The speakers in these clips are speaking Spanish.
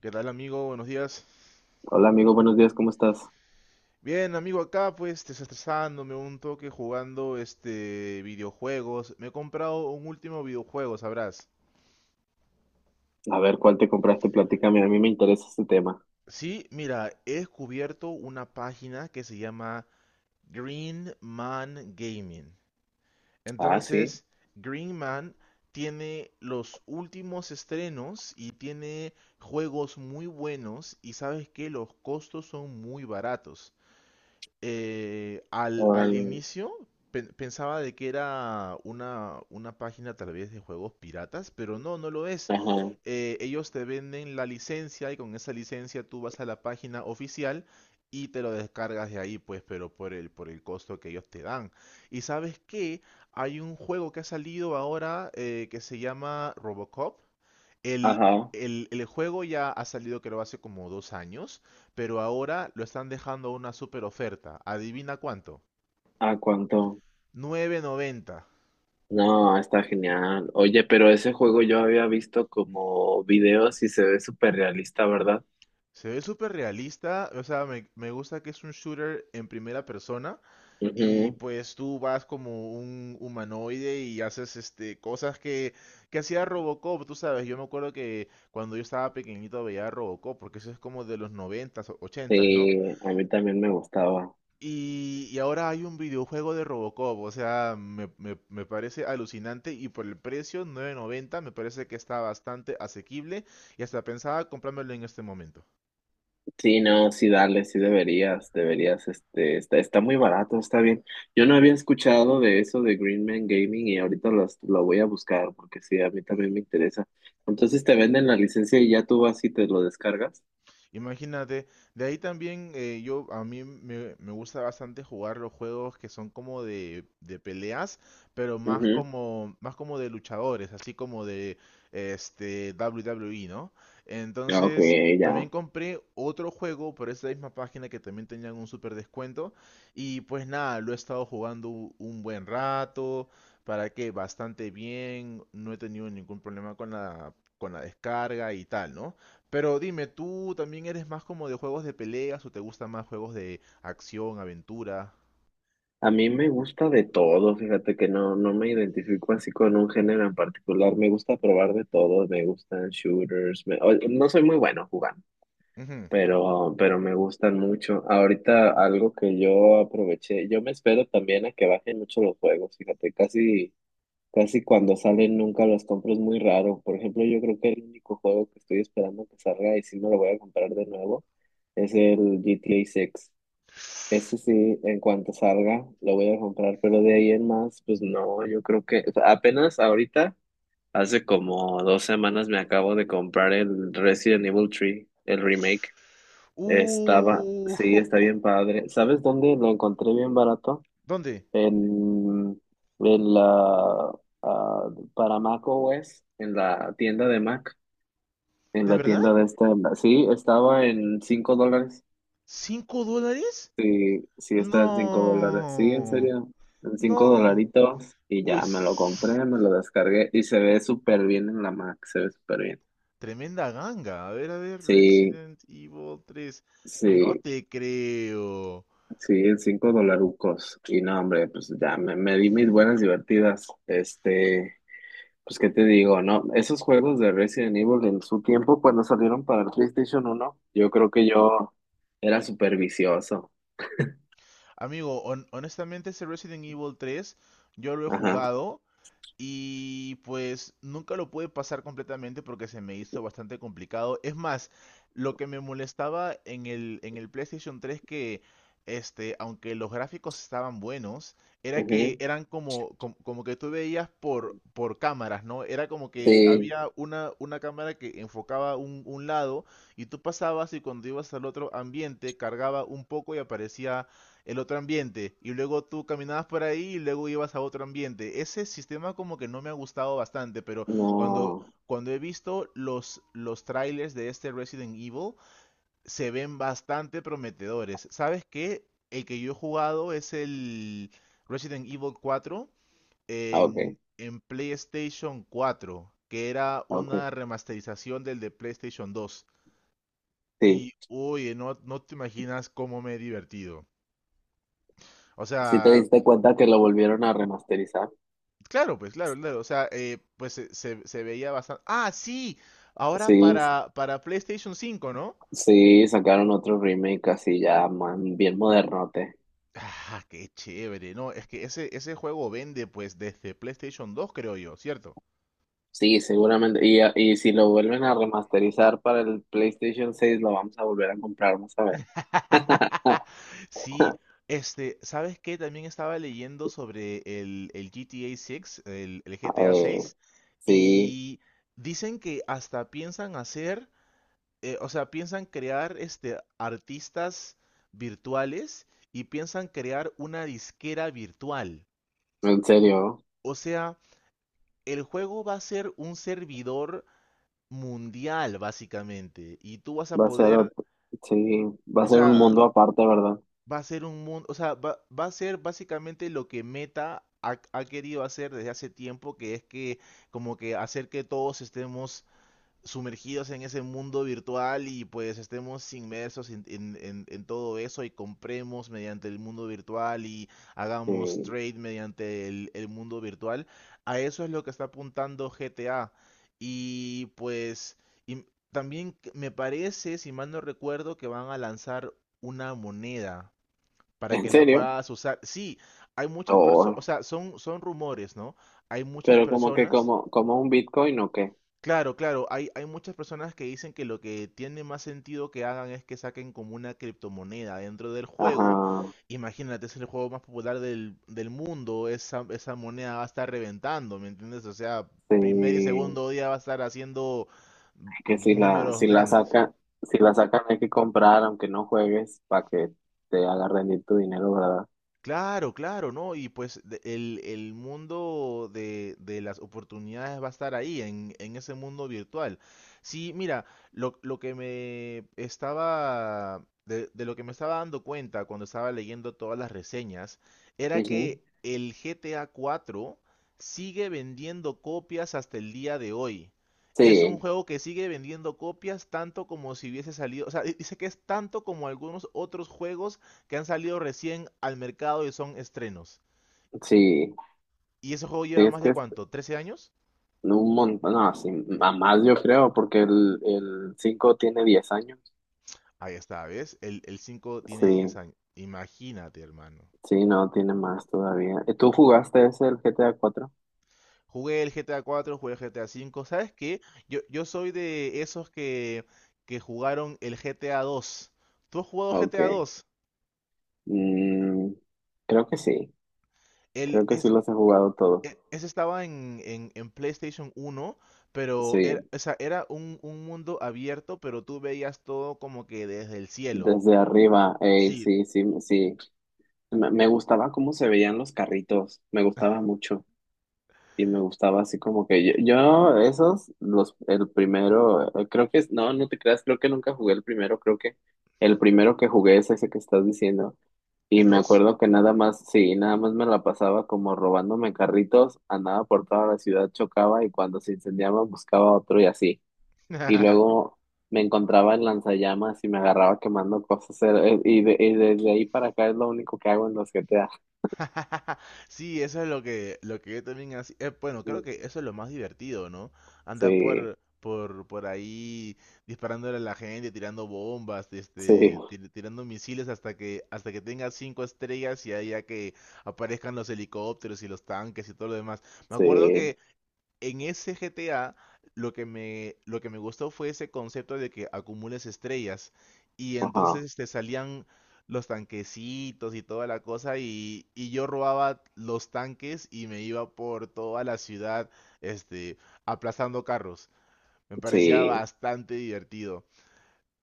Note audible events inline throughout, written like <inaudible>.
¿Qué tal, amigo? Buenos días. Hola amigo, buenos días, ¿cómo estás? Bien, amigo, acá pues desestresándome un toque jugando este videojuegos. Me he comprado un último videojuego, sabrás. A ver, ¿cuál te compraste? Platícame, a mí me interesa este tema. Sí, mira, he descubierto una página que se llama Green Man Gaming. Ah, sí, Entonces, Green Man tiene los últimos estrenos y tiene juegos muy buenos y sabes que los costos son muy baratos. Al órale. inicio pensaba de que era una página tal vez de juegos piratas, pero no, no lo es. Ajá, Ellos te venden la licencia y con esa licencia tú vas a la página oficial y te lo descargas de ahí, pues, pero por el costo que ellos te dan. Y sabes que hay un juego que ha salido ahora que se llama Robocop. el, ajá. el, el juego ya ha salido creo hace como 2 años, pero ahora lo están dejando a una super oferta. ¿Adivina cuánto? ¿A cuánto? 9,90. No, está genial. Oye, pero ese juego yo había visto como videos y se ve súper realista, ¿verdad? Se ve súper realista, o sea, me gusta que es un shooter en primera persona y Ujú. pues tú vas como un humanoide y haces este cosas que hacía Robocop, tú sabes, yo me acuerdo que cuando yo estaba pequeñito veía Robocop, porque eso es como de los noventas, s 80, ¿no? Sí, a mí también me gustaba. Y ahora hay un videojuego de Robocop, o sea, me parece alucinante y por el precio, 9,90, me parece que está bastante asequible y hasta pensaba comprármelo en este momento. Sí, no, sí, dale, sí deberías, deberías, este, está muy barato, está bien. Yo no había escuchado de eso de Green Man Gaming y ahorita lo voy a buscar porque sí, a mí también me interesa. Entonces te venden la licencia y ya tú vas y te lo descargas. Imagínate, de ahí también, yo a mí me gusta bastante jugar los juegos que son como de peleas, pero más Ujú. como más como de luchadores, así como de este WWE, ¿no? Ah, Ok, Entonces, también ya. compré otro juego por esa misma página que también tenían un super descuento y pues nada, lo he estado jugando un buen rato, para que bastante bien, no he tenido ningún problema con la descarga y tal, ¿no? Pero dime, ¿tú también eres más como de juegos de peleas o te gustan más juegos de acción, aventura? A mí me gusta de todo, fíjate que no, no me identifico así con un género en particular, me gusta probar de todo, me gustan shooters, no soy muy bueno jugando. Ujú. Pero me gustan mucho. Ahorita algo que yo aproveché, yo me espero también a que bajen mucho los juegos, fíjate, casi, casi cuando salen nunca los compro, es muy raro. Por ejemplo, yo creo que el único juego que estoy esperando que salga y sí me lo voy a comprar de nuevo es el GTA 6. Ese sí, en cuanto salga, lo voy a comprar, pero de ahí en más, pues no, yo creo que o sea, apenas ahorita, hace como 2 semanas me acabo de comprar el Resident Evil 3, el remake. Estaba, Uh, sí, está <laughs> bien padre. ¿Sabes dónde lo encontré bien barato? ¿Dónde? En, en la, ah, para Mac o OS, en la tienda de Mac, en ¿De la verdad? tienda de esta, sí, estaba en $5. ¿Cinco dólares? Sí, sí, está en $5. Sí, en No, serio, en cinco no. dolaritos. Y Uy, <laughs> ya me lo compré, me lo descargué y se ve súper bien en la Mac, se ve súper bien. tremenda ganga. A ver, Sí, Resident Evil 3. No sí. te creo. Sí, cinco dolarucos. Y no, hombre, pues ya me di mis buenas divertidas. Este, pues qué te digo, ¿no? Esos juegos de Resident Evil en su tiempo, cuando salieron para el PlayStation 1, yo creo que yo era súper vicioso. Amigo, honestamente ese Resident Evil 3 yo lo he Ajá. jugado. Y pues nunca lo pude pasar completamente porque se me hizo bastante complicado. Es más, lo que me molestaba en el PlayStation 3 que, este, aunque los gráficos estaban buenos, era que Ujú. eran como que tú veías por cámaras, ¿no? Era como que Sí, había una cámara que enfocaba un lado y tú pasabas y cuando ibas al otro ambiente cargaba un poco y aparecía el otro ambiente y luego tú caminabas por ahí y luego ibas a otro ambiente. Ese sistema como que no me ha gustado bastante, pero cuando no. cuando he visto los trailers de este Resident Evil se ven bastante prometedores. ¿Sabes qué? El que yo he jugado es el Resident Evil cuatro Ah, ok, en PlayStation cuatro, que era ah, ok. una remasterización del de PlayStation dos. Sí. Uy, no, no te imaginas cómo me he divertido. O ¿Sí te sea, diste cuenta que lo volvieron a remasterizar? claro, pues claro, claro. O sea, pues se veía bastante. Ah, sí, Sí, ahora para, PlayStation 5, ¿no? sí, sacaron otro remake así ya, man, bien modernote. Ah, qué chévere, no, es que ese juego vende pues desde PlayStation 2, creo yo, ¿cierto? Sí, seguramente. Y si lo vuelven a remasterizar para el PlayStation 6 lo vamos a volver a comprar, vamos a ver. <laughs> Sí, este, ¿sabes qué? También estaba leyendo sobre el GTA 6, el GTA Eh, 6, sí, y dicen que hasta piensan hacer, o sea, piensan crear este artistas virtuales y piensan crear una disquera virtual. en serio, O sea, el juego va a ser un servidor mundial, básicamente. Y tú vas a va a ser, poder, ot- sí, va a o ser un sea, mundo aparte, ¿verdad? va a ser un mundo, o sea, va a ser básicamente lo que Meta ha querido hacer desde hace tiempo, que es que como que hacer que todos estemos sumergidos en ese mundo virtual y pues estemos inmersos en todo eso y compremos mediante el mundo virtual y hagamos Sí, trade mediante el mundo virtual. A eso es lo que está apuntando GTA. Y pues y también me parece, si mal no recuerdo, que van a lanzar una moneda para en que la serio. puedas usar. Sí, hay muchas personas, o Oh, sea, son rumores, ¿no? Hay muchas pero como que personas. Como un Bitcoin o qué. Claro, claro, hay muchas personas que dicen que lo que tiene más sentido que hagan es que saquen como una criptomoneda dentro del juego. Ajá, Imagínate, es el juego más popular del mundo, esa moneda va a estar reventando, ¿me entiendes? O sea, primer y sí, segundo día va a estar haciendo que números grandes. Si la sacan hay que comprar, aunque no juegues, para que te haga rendir tu dinero, ¿verdad? Claro, claro, ¿no? Y pues el mundo de las oportunidades va a estar ahí, en ese mundo virtual. Sí, mira, lo que me estaba, de lo que me estaba dando cuenta cuando estaba leyendo todas las reseñas, era Ujú. que el GTA 4 sigue vendiendo copias hasta el día de hoy. Es un Sí, juego que sigue vendiendo copias tanto como si hubiese salido, o sea, dice que es tanto como algunos otros juegos que han salido recién al mercado y son estrenos. sí. ¿Y ese juego Sí, lleva es más de que cuánto? ¿13 años? no, un montón, no, sí, a más yo creo, porque el 5 tiene 10 años. Ahí está, ¿ves? El 5 tiene 10 Sí, años. Imagínate, hermano. sí, no, tiene más todavía. ¿Tú jugaste ese, el GTA 4? Jugué el GTA cuatro, jugué el GTA cinco. ¿Sabes qué? Yo soy de esos que jugaron el GTA dos. ¿Tú has jugado Ok. GTA dos? Mm, creo que sí, El, creo que sí es, los he jugado todos. Ese estaba en PlayStation uno, pero era, Sí, o sea, era un mundo abierto, pero tú veías todo como que desde el cielo. desde arriba, ey, Sí, sí, sí, sí. Me gustaba cómo se veían los carritos, me gustaba mucho. Y me gustaba así como que yo esos, los, el primero, creo que es, no, no te creas, creo que nunca jugué el primero, creo que el primero que jugué es ese que estás diciendo. Y el me dos. acuerdo que nada más, sí, nada más me la pasaba como robándome carritos, andaba por toda la ciudad, chocaba y cuando se incendiaba buscaba otro y así. Y <laughs> luego me encontraba en lanzallamas y me agarraba quemando cosas. Y desde ahí para acá es lo único que hago en los GTA. <laughs> Sí, eso es lo que yo también hacía. Bueno, creo que eso es lo más divertido, ¿no? Andar Sí, por ahí disparándole a la gente, tirando bombas, sí, este, tirando misiles hasta que tenga cinco estrellas y ahí ya que aparezcan los helicópteros y los tanques y todo lo demás. Me acuerdo sí. que en ese GTA lo que me gustó fue ese concepto de que acumules estrellas y Ajá. entonces te salían los tanquecitos y toda la cosa y yo robaba los tanques y me iba por toda la ciudad, este, aplastando carros. Me parecía Sí, bastante divertido.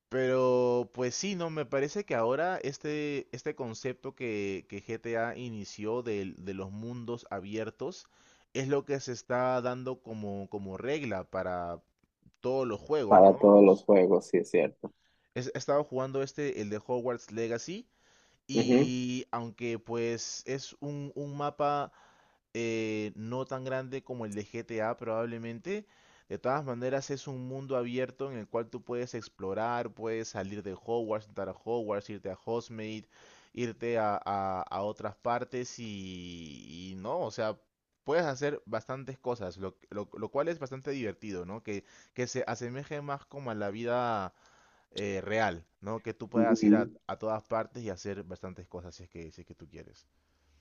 Pero pues sí, no, me parece que ahora este concepto que GTA inició los mundos abiertos es lo que se está dando como regla para todos los juegos, para ¿no? todos los juegos, sí es cierto. He estado jugando este, el de Hogwarts Legacy, y aunque pues es un mapa, no tan grande como el de GTA probablemente, de todas maneras es un mundo abierto en el cual tú puedes explorar, puedes salir de Hogwarts, entrar a Hogwarts, irte a Hogsmeade, irte a otras partes y, no, o sea, puedes hacer bastantes cosas, lo cual es bastante divertido, ¿no? Que se asemeje más como a la vida, real, ¿no? Que tú Ujú, puedas ir a, ujú. a todas partes y hacer bastantes cosas si es que tú quieres.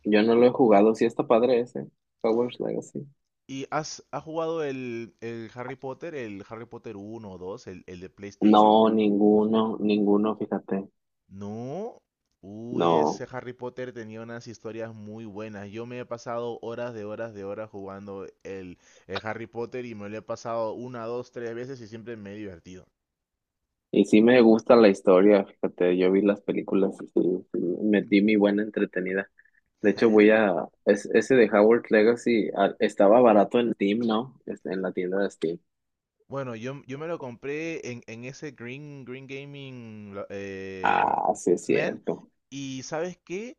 Yo no lo he jugado, sí está padre ese, Hogwarts Legacy. ¿Y has jugado el Harry Potter, el Harry Potter uno o 2, el de PlayStation? No, ninguno, ninguno, fíjate, No. Uy, ese no. Harry Potter tenía unas historias muy buenas. Yo me he pasado horas de horas de horas jugando el Harry Potter y me lo he pasado una, dos, tres veces y siempre me he divertido. Y sí me gusta la historia, fíjate, yo vi las películas y sí, sí, me di mi buena entretenida. De hecho, ese de Hogwarts Legacy, estaba barato en Steam, ¿no? Este, en la tienda de Steam. Bueno, yo me lo compré en, ese Green Gaming, Ah, sí es Men, cierto. y ¿sabes qué?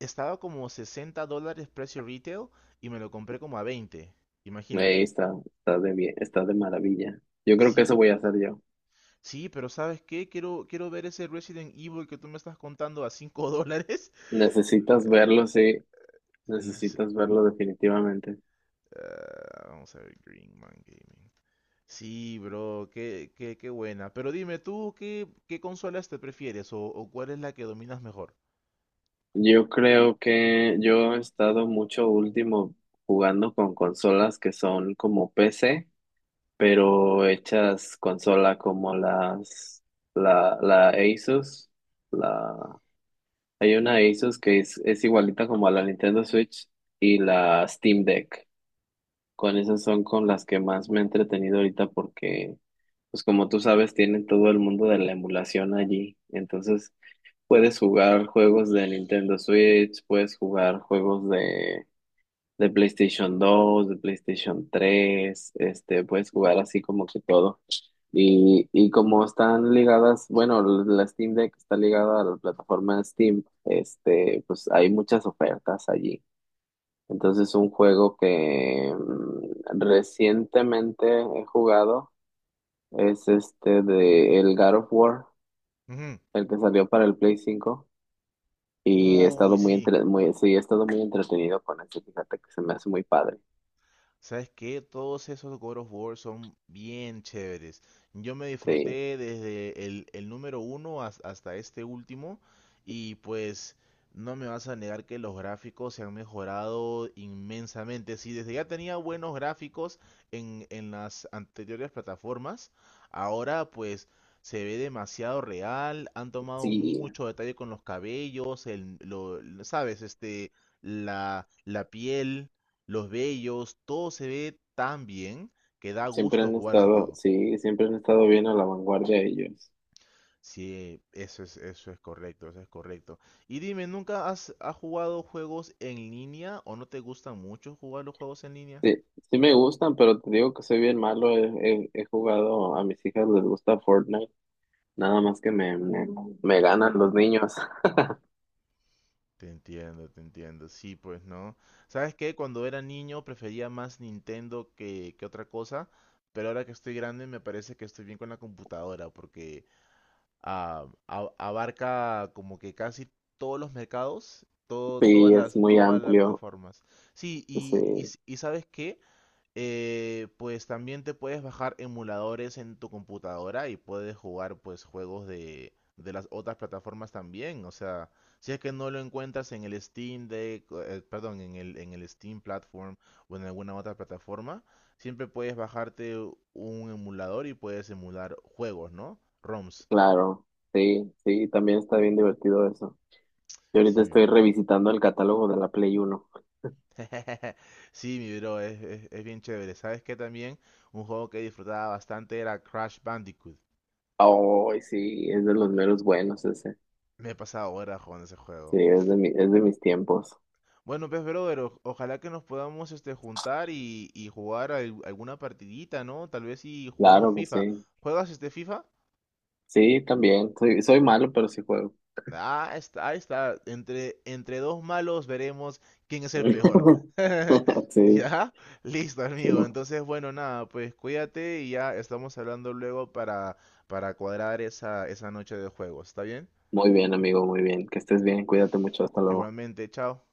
Estaba como $60 precio retail y me lo compré como a 20. Ahí Imagínate. está, está de bien, está de maravilla. Yo creo que eso Sí, voy a hacer yo. sí, pero ¿sabes qué? Quiero ver ese Resident Evil que tú me estás contando a $5. <laughs> Necesitas verlo, sí, No sé, necesitas verlo definitivamente. Vamos a ver, Green Man Gaming. Sí, bro, qué buena. Pero dime, ¿tú qué consolas te prefieres o cuál es la que dominas mejor? Yo creo que yo he estado mucho último jugando con consolas que son como PC, pero hechas consola como la Asus, la, hay una Asus que es igualita como a la Nintendo Switch y la Steam Deck. Con esas son con las que más me he entretenido ahorita porque, pues como tú sabes, tienen todo el mundo de la emulación allí. Entonces, puedes jugar juegos de Nintendo Switch, puedes jugar juegos de PlayStation 2, de PlayStation 3, este, puedes jugar así como que todo. Y como están ligadas, bueno, la Steam Deck está ligada a la plataforma de Steam, este, pues hay muchas ofertas allí. Entonces, un juego que recientemente he jugado es este de el God of War, Ujú. el que salió para el Play 5. Y he estado Uy, muy, sí. Muy, sí, he estado muy entretenido con eso, fíjate que se me hace muy padre. ¿Sabes qué? Todos esos God of War son bien chéveres. Yo me Sí, disfruté desde el número uno hasta este último y pues no me vas a negar que los gráficos se han mejorado inmensamente. Si desde ya tenía buenos gráficos en las anteriores plataformas, ahora pues se ve demasiado real, han tomado sí, mucho detalle con los cabellos, ¿sabes? Este, la piel, los bellos, todo se ve tan bien que da siempre gusto han jugar ese estado, juego. sí, siempre han estado bien a la vanguardia ellos. Sí, eso es correcto, eso es correcto. Y dime, ¿nunca has jugado juegos en línea o no te gusta mucho jugar los juegos en línea? Sí, sí me gustan, pero te digo que soy bien malo. He jugado, a mis hijas les gusta Fortnite, nada más que me ganan los niños. Te entiendo, te entiendo. Sí, pues no. ¿Sabes qué? Cuando era niño prefería más Nintendo que otra cosa, pero ahora que estoy grande me parece que estoy bien con la computadora porque, abarca como que casi todos los mercados, todo, Sí, es muy todas las amplio. plataformas. Sí, Sí, ¿sabes qué? Pues también te puedes bajar emuladores en tu computadora y puedes jugar pues juegos de las otras plataformas también. O sea, si es que no lo encuentras en el Steam Deck, perdón, en el Steam Platform o en alguna otra plataforma, siempre puedes bajarte un emulador y puedes emular juegos, ¿no? ROMs. claro. Sí, sí, también está bien divertido eso. Yo ahorita Sí, estoy revisitando el catálogo de la Play 1. <laughs> Sí, mi bro, es bien chévere. ¿Sabes qué también? Un juego que disfrutaba bastante era Crash Bandicoot. Ay, sí, es de los meros buenos ese. Me he pasado horas jugando ese Sí, juego. es de mis tiempos. Bueno, pues, brother, ojalá que nos podamos este, juntar y jugar alguna partidita, ¿no? Tal vez si jugamos Claro que FIFA. sí. ¿Juegas este FIFA? Sí, también. Soy malo, pero sí juego. Ah, está, ahí está. Entre dos malos veremos quién es el peor. <laughs> <laughs> Sí, ¿Ya? Listo, sí. amigo. Entonces, bueno, nada, pues cuídate y ya estamos hablando luego para, cuadrar esa noche de juegos. ¿Está bien? Muy bien, amigo, muy bien. Que estés bien, cuídate mucho, hasta luego. Igualmente, chao.